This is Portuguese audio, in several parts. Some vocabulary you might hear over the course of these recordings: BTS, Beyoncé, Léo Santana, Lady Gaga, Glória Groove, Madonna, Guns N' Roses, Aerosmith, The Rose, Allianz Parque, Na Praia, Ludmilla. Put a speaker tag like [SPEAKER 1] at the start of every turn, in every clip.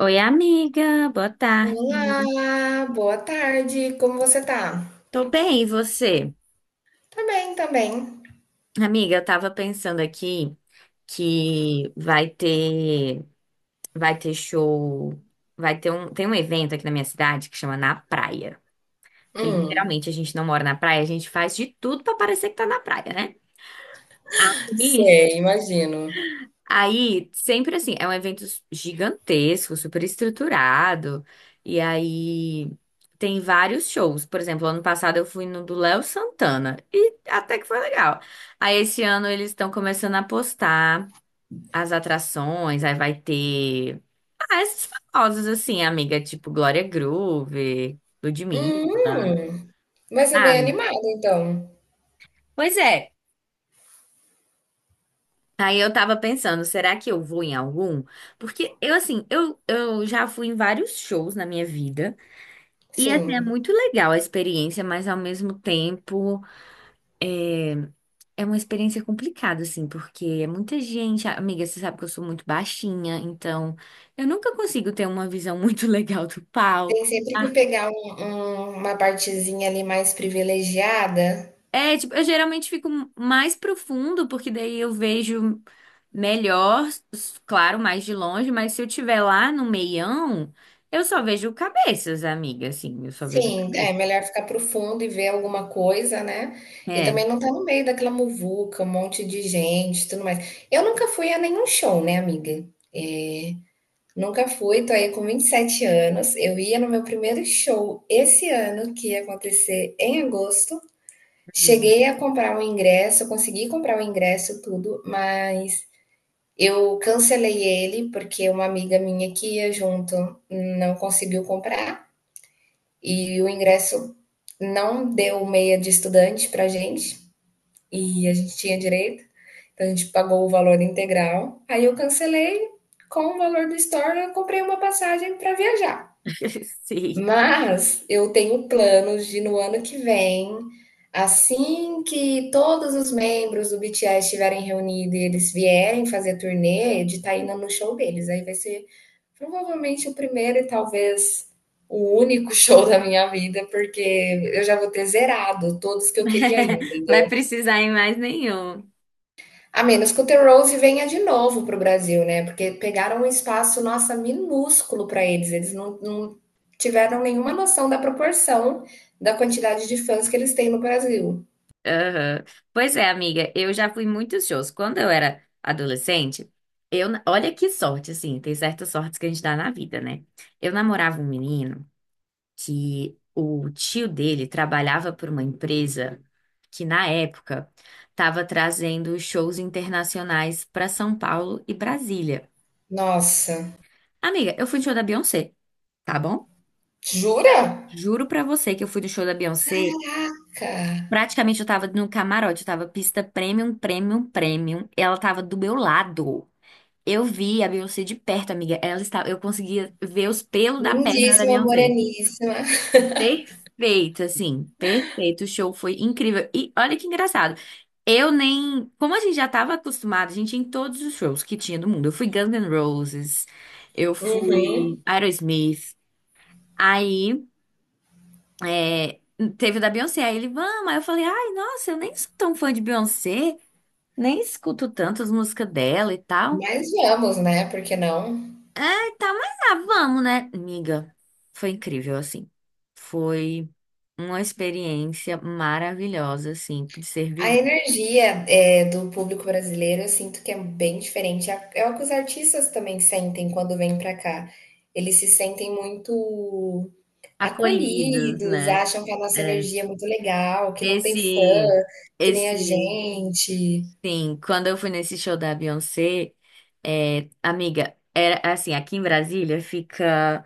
[SPEAKER 1] Oi, amiga, boa tarde.
[SPEAKER 2] Olá, boa tarde, como você tá?
[SPEAKER 1] Tô bem, e você?
[SPEAKER 2] Tá bem, tá bem.
[SPEAKER 1] Amiga, eu tava pensando aqui que vai ter show, vai ter um tem um evento aqui na minha cidade que chama Na Praia, que
[SPEAKER 2] Hum,
[SPEAKER 1] literalmente a gente não mora na praia, a gente faz de tudo pra parecer que tá na praia, né? E
[SPEAKER 2] sei, imagino.
[SPEAKER 1] aí, sempre assim, é um evento gigantesco, super estruturado. E aí tem vários shows. Por exemplo, ano passado eu fui no do Léo Santana e até que foi legal. Aí esse ano eles estão começando a postar as atrações, aí vai ter ah, esses famosos assim, amiga, tipo Glória Groove, Ludmilla,
[SPEAKER 2] Hum, Vai ser bem
[SPEAKER 1] sabe?
[SPEAKER 2] animado então.
[SPEAKER 1] Pois é. Aí eu tava pensando, será que eu vou em algum? Porque eu, assim, eu já fui em vários shows na minha vida. E, assim, é
[SPEAKER 2] Sim,
[SPEAKER 1] muito legal a experiência, mas ao mesmo tempo é, é uma experiência complicada, assim, porque é muita gente. Amiga, você sabe que eu sou muito baixinha, então eu nunca consigo ter uma visão muito legal do
[SPEAKER 2] tem
[SPEAKER 1] palco.
[SPEAKER 2] sempre que pegar uma partezinha ali mais privilegiada.
[SPEAKER 1] É, tipo, eu geralmente fico mais profundo, porque daí eu vejo melhor, claro, mais de longe, mas se eu tiver lá no meião, eu só vejo cabeças, amiga, assim, eu só vejo
[SPEAKER 2] Sim, é
[SPEAKER 1] cabeça.
[SPEAKER 2] melhor ficar pro fundo e ver alguma coisa, né? E
[SPEAKER 1] É.
[SPEAKER 2] também não tá no meio daquela muvuca, um monte de gente, e tudo mais. Eu nunca fui a nenhum show, né, amiga? Nunca fui, tô aí com 27 anos. Eu ia no meu primeiro show esse ano, que ia acontecer em agosto.
[SPEAKER 1] Hum.
[SPEAKER 2] Cheguei a comprar um ingresso, consegui comprar o ingresso, tudo, mas eu cancelei ele porque uma amiga minha que ia junto não conseguiu comprar e o ingresso não deu meia de estudante pra gente e a gente tinha direito, então a gente pagou o valor integral. Aí eu cancelei, com o valor do store eu comprei uma passagem pra viajar.
[SPEAKER 1] Sim.
[SPEAKER 2] Mas eu tenho planos de no ano que vem, assim que todos os membros do BTS estiverem reunidos e eles vierem fazer turnê, de estar indo no show deles. Aí vai ser provavelmente o primeiro e talvez o único show da minha vida, porque eu já vou ter zerado todos que eu queria ir,
[SPEAKER 1] Vai
[SPEAKER 2] entendeu?
[SPEAKER 1] precisar em mais nenhum.
[SPEAKER 2] A menos que o The Rose venha de novo para o Brasil, né? Porque pegaram um espaço, nossa, minúsculo para eles. Eles não tiveram nenhuma noção da proporção da quantidade de fãs que eles têm no Brasil.
[SPEAKER 1] Aham. Pois é, amiga, eu já fui em muitos shows. Quando eu era adolescente, olha que sorte, assim, tem certas sortes que a gente dá na vida, né? Eu namorava um menino. Que o tio dele trabalhava por uma empresa que, na época, estava trazendo shows internacionais para São Paulo e Brasília.
[SPEAKER 2] Nossa,
[SPEAKER 1] Amiga, eu fui no show da Beyoncé, tá bom?
[SPEAKER 2] jura?
[SPEAKER 1] Juro pra você que eu fui no show da Beyoncé.
[SPEAKER 2] Caraca!
[SPEAKER 1] Praticamente eu tava no camarote, eu tava pista premium, premium, premium. Ela tava do meu lado. Eu vi a Beyoncé de perto, amiga. Ela estava, eu conseguia ver os pelos da perna da
[SPEAKER 2] Lindíssima,
[SPEAKER 1] Beyoncé.
[SPEAKER 2] moreníssima.
[SPEAKER 1] Perfeito, assim, perfeito. O show foi incrível. E olha que engraçado. Eu nem. Como a gente já estava acostumado, a gente ia em todos os shows que tinha do mundo. Eu fui Guns N' Roses, eu fui
[SPEAKER 2] Uhum.
[SPEAKER 1] Aerosmith. Aí é, teve o da Beyoncé. Aí ele, vamos. Aí eu falei, ai, nossa, eu nem sou tão fã de Beyoncé, nem escuto tanto as músicas dela e tal.
[SPEAKER 2] Mas vamos, né? Por que não?
[SPEAKER 1] Tá, mas ah, vamos, né, amiga? Foi incrível, assim. Foi uma experiência maravilhosa, assim, de ser
[SPEAKER 2] A
[SPEAKER 1] vivida.
[SPEAKER 2] energia é, do público brasileiro, eu sinto que é bem diferente. É o que os artistas também sentem quando vêm para cá. Eles se sentem muito
[SPEAKER 1] Acolhidos,
[SPEAKER 2] acolhidos,
[SPEAKER 1] né?
[SPEAKER 2] acham que a nossa
[SPEAKER 1] É.
[SPEAKER 2] energia é muito legal, que não tem fã,
[SPEAKER 1] Esse,
[SPEAKER 2] que nem a
[SPEAKER 1] esse,
[SPEAKER 2] gente.
[SPEAKER 1] sim, quando eu fui nesse show da Beyoncé, é, amiga, era assim, aqui em Brasília fica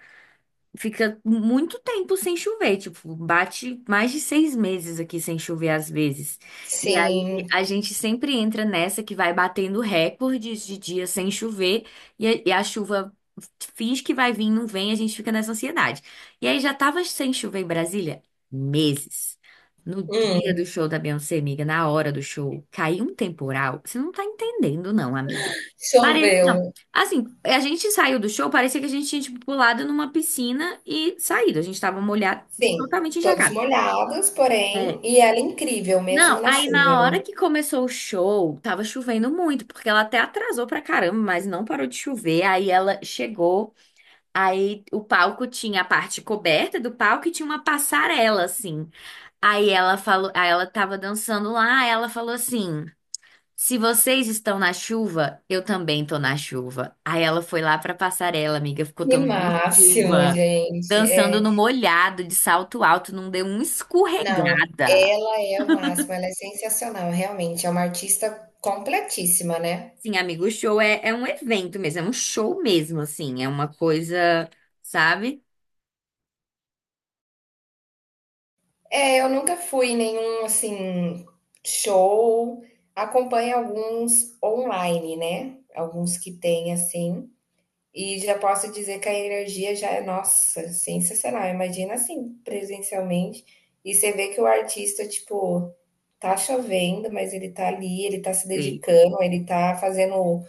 [SPEAKER 1] fica muito tempo sem chover, tipo, bate mais de 6 meses aqui sem chover às vezes. E aí
[SPEAKER 2] Sim.
[SPEAKER 1] a gente sempre entra nessa que vai batendo recordes de dias sem chover e a chuva finge que vai vir, não vem, a gente fica nessa ansiedade. E aí já tava sem chover em Brasília meses. No dia
[SPEAKER 2] Hum,
[SPEAKER 1] do show da Beyoncé, amiga, na hora do show, caiu um temporal. Você não tá entendendo, não, amiga. Pare...
[SPEAKER 2] choveu.
[SPEAKER 1] Assim, a gente saiu do show, parecia que a gente tinha, tipo, pulado numa piscina e saído. A gente tava molhado, tipo,
[SPEAKER 2] Sim,
[SPEAKER 1] totalmente
[SPEAKER 2] todos
[SPEAKER 1] encharcado.
[SPEAKER 2] molhados, porém,
[SPEAKER 1] É.
[SPEAKER 2] e ela é incrível mesmo
[SPEAKER 1] Não,
[SPEAKER 2] na
[SPEAKER 1] aí
[SPEAKER 2] chuva,
[SPEAKER 1] na
[SPEAKER 2] né?
[SPEAKER 1] hora que começou o show, tava chovendo muito, porque ela até atrasou pra caramba, mas não parou de chover. Aí ela chegou, aí o palco tinha a parte coberta do palco e tinha uma passarela, assim. Aí ela falou, aí ela tava dançando lá, aí ela falou assim. Se vocês estão na chuva, eu também tô na chuva. Aí ela foi lá pra passarela, amiga, ficou
[SPEAKER 2] Que
[SPEAKER 1] tomando
[SPEAKER 2] máximo,
[SPEAKER 1] chuva,
[SPEAKER 2] gente.
[SPEAKER 1] dançando
[SPEAKER 2] É.
[SPEAKER 1] no molhado, de salto alto, não deu uma
[SPEAKER 2] Não,
[SPEAKER 1] escorregada.
[SPEAKER 2] ela é o máximo, ela é sensacional, realmente, é uma artista completíssima, né.
[SPEAKER 1] Sim, amigo, o show é um evento mesmo, é um show mesmo, assim, é uma coisa, sabe?
[SPEAKER 2] É, eu nunca fui em nenhum, assim, show, acompanho alguns online, né, alguns que tem assim, e já posso dizer que a energia já é, nossa, sensacional, imagina, assim, presencialmente, e você vê que o artista, tipo, tá chovendo, mas ele tá ali, ele tá se
[SPEAKER 1] Sim.
[SPEAKER 2] dedicando, ele tá fazendo.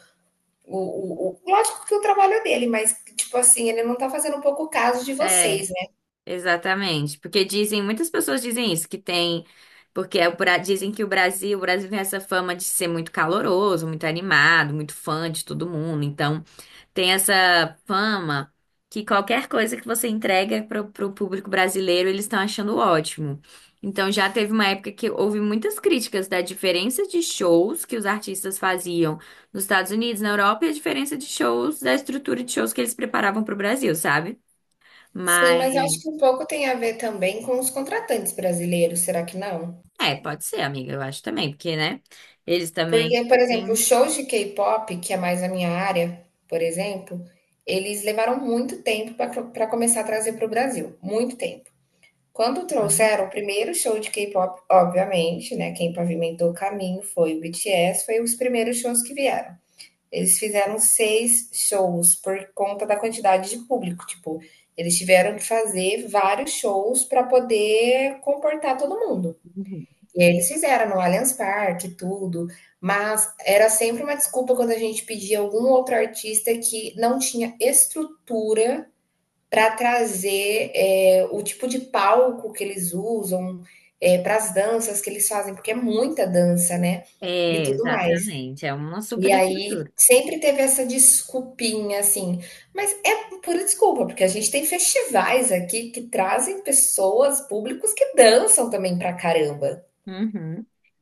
[SPEAKER 2] Lógico que o trabalho é dele, mas, tipo assim, ele não tá fazendo um pouco caso de
[SPEAKER 1] É.
[SPEAKER 2] vocês, né?
[SPEAKER 1] Exatamente, porque dizem, muitas pessoas dizem isso, que tem, porque é o dizem que o Brasil tem essa fama de ser muito caloroso, muito animado, muito fã de todo mundo, então tem essa fama que qualquer coisa que você entrega para o público brasileiro, eles estão achando ótimo. Então já teve uma época que houve muitas críticas da diferença de shows que os artistas faziam nos Estados Unidos, na Europa, e a diferença de shows, da estrutura de shows que eles preparavam para o Brasil, sabe?
[SPEAKER 2] Sim,
[SPEAKER 1] Mas
[SPEAKER 2] mas eu acho que um pouco tem a ver também com os contratantes brasileiros, será que não?
[SPEAKER 1] é, pode ser, amiga, eu acho também, porque, né? Eles também.
[SPEAKER 2] Porque, por exemplo, os
[SPEAKER 1] Uhum.
[SPEAKER 2] shows de K-pop, que é mais a minha área, por exemplo, eles levaram muito tempo para começar a trazer para o Brasil, muito tempo. Quando trouxeram o primeiro show de K-pop, obviamente, né? Quem pavimentou o caminho foi o BTS, foi os primeiros shows que vieram. Eles fizeram seis shows por conta da quantidade de público. Tipo, eles tiveram que fazer vários shows para poder comportar todo mundo.
[SPEAKER 1] Uhum.
[SPEAKER 2] E aí eles fizeram no Allianz Parque, e tudo. Mas era sempre uma desculpa quando a gente pedia algum outro artista que não tinha estrutura para trazer é, o tipo de palco que eles usam, é, para as danças que eles fazem, porque é muita dança, né? E
[SPEAKER 1] É,
[SPEAKER 2] tudo mais.
[SPEAKER 1] exatamente, é uma
[SPEAKER 2] E
[SPEAKER 1] super
[SPEAKER 2] aí
[SPEAKER 1] estrutura.
[SPEAKER 2] sempre teve essa desculpinha, assim, mas é pura desculpa, porque a gente tem festivais aqui que trazem pessoas, públicos que dançam também pra caramba.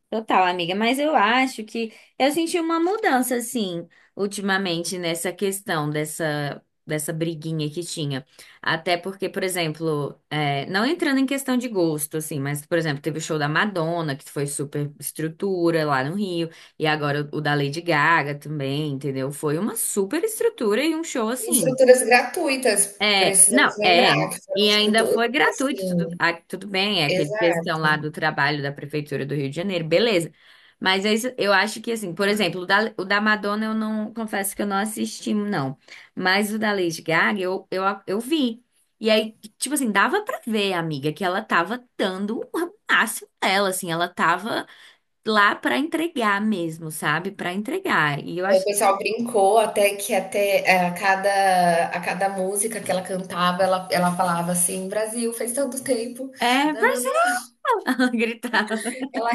[SPEAKER 1] Total, amiga, mas eu acho que eu senti uma mudança, assim, ultimamente nessa questão dessa briguinha que tinha. Até porque, por exemplo, é, não entrando em questão de gosto, assim, mas, por exemplo, teve o show da Madonna, que foi super estrutura lá no Rio, e agora o da Lady Gaga também, entendeu? Foi uma super estrutura e um show,
[SPEAKER 2] E
[SPEAKER 1] assim,
[SPEAKER 2] estruturas gratuitas, precisamos
[SPEAKER 1] não,
[SPEAKER 2] lembrar que foram
[SPEAKER 1] e ainda
[SPEAKER 2] estruturas
[SPEAKER 1] foi gratuito,
[SPEAKER 2] assim.
[SPEAKER 1] tudo, ah, tudo bem, é aquela
[SPEAKER 2] Exato.
[SPEAKER 1] questão lá do trabalho da Prefeitura do Rio de Janeiro, beleza. Mas é isso, eu acho que assim, por exemplo, o da Madonna eu não, confesso que eu não assisti, não. Mas o da Lady Gaga eu vi. E aí, tipo assim, dava pra ver, amiga, que ela tava dando o máximo dela, assim, ela tava lá pra entregar mesmo, sabe? Pra entregar. E eu
[SPEAKER 2] Aí o
[SPEAKER 1] acho,
[SPEAKER 2] pessoal brincou até que até, a cada música que ela cantava, ela falava assim: "Brasil, faz tanto tempo".
[SPEAKER 1] Brasil! Ela gritava.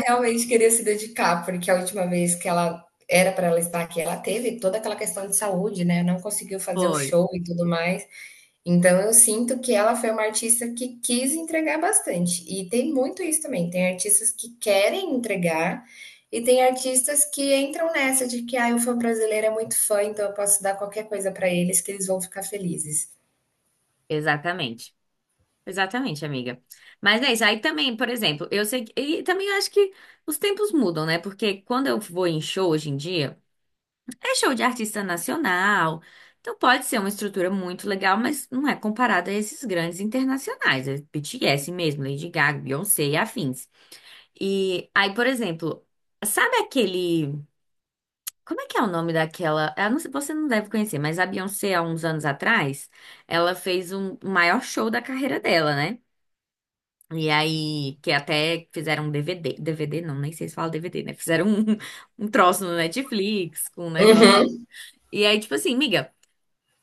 [SPEAKER 2] Realmente querer se dedicar, porque a última vez que ela era para ela estar aqui, ela teve toda aquela questão de saúde, né? Não conseguiu fazer o
[SPEAKER 1] Foi,
[SPEAKER 2] show e tudo mais. Então eu sinto que ela foi uma artista que quis entregar bastante. E tem muito isso também. Tem artistas que querem entregar e tem artistas que entram nessa de que ah, o fã brasileiro é muito fã, então eu posso dar qualquer coisa para eles que eles vão ficar felizes.
[SPEAKER 1] exatamente. Exatamente, amiga. Mas é isso. Aí também, por exemplo, eu sei que. E também acho que os tempos mudam, né? Porque quando eu vou em show hoje em dia, é show de artista nacional. Então pode ser uma estrutura muito legal, mas não é comparada a esses grandes internacionais. É BTS mesmo, Lady Gaga, Beyoncé e afins. E aí, por exemplo, sabe aquele. Como é que é o nome daquela? Eu não sei, você não deve conhecer, mas a Beyoncé, há uns anos atrás, ela fez um o maior show da carreira dela, né? E aí, que até fizeram um DVD, DVD não, nem sei se fala DVD, né? Fizeram um, um troço no Netflix com um negócio.
[SPEAKER 2] Uhum.
[SPEAKER 1] E aí, tipo assim, miga,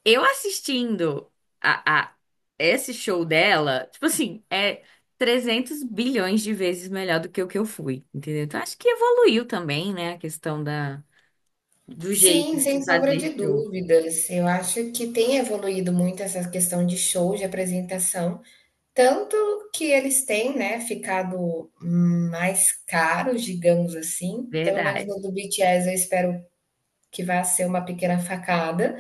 [SPEAKER 1] eu assistindo a esse show dela, tipo assim, é 300 bilhões de vezes melhor do que o que eu fui, entendeu? Então, acho que evoluiu também, né? A questão da, do jeito
[SPEAKER 2] Sim,
[SPEAKER 1] de
[SPEAKER 2] sem
[SPEAKER 1] se
[SPEAKER 2] sombra
[SPEAKER 1] fazer
[SPEAKER 2] de
[SPEAKER 1] show.
[SPEAKER 2] dúvidas. Eu acho que tem evoluído muito essa questão de show, de apresentação, tanto que eles têm, né, ficado mais caros, digamos assim. Pelo menos
[SPEAKER 1] Verdade.
[SPEAKER 2] no do BTS, eu espero que vá ser uma pequena facada,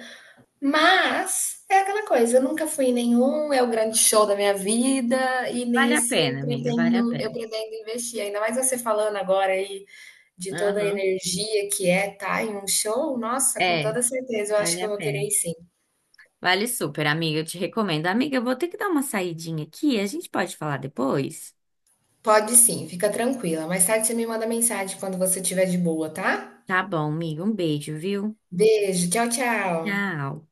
[SPEAKER 2] mas é aquela coisa, eu nunca fui em nenhum, é o grande show da minha vida, e
[SPEAKER 1] Vale a
[SPEAKER 2] nesse eu
[SPEAKER 1] pena, amiga, vale a
[SPEAKER 2] pretendo, eu
[SPEAKER 1] pena.
[SPEAKER 2] pretendo investir. Ainda mais você falando agora aí de toda a
[SPEAKER 1] Aham.
[SPEAKER 2] energia que é tá em um show, nossa, com
[SPEAKER 1] É,
[SPEAKER 2] toda certeza eu acho
[SPEAKER 1] vale
[SPEAKER 2] que eu
[SPEAKER 1] a
[SPEAKER 2] vou querer
[SPEAKER 1] pena.
[SPEAKER 2] ir sim.
[SPEAKER 1] Vale super, amiga. Eu te recomendo. Amiga, eu vou ter que dar uma saidinha aqui. A gente pode falar depois?
[SPEAKER 2] Pode sim, fica tranquila. Mais tarde você me manda mensagem quando você estiver de boa, tá?
[SPEAKER 1] Tá bom, amiga. Um beijo, viu?
[SPEAKER 2] Beijo, tchau, tchau.
[SPEAKER 1] Tchau.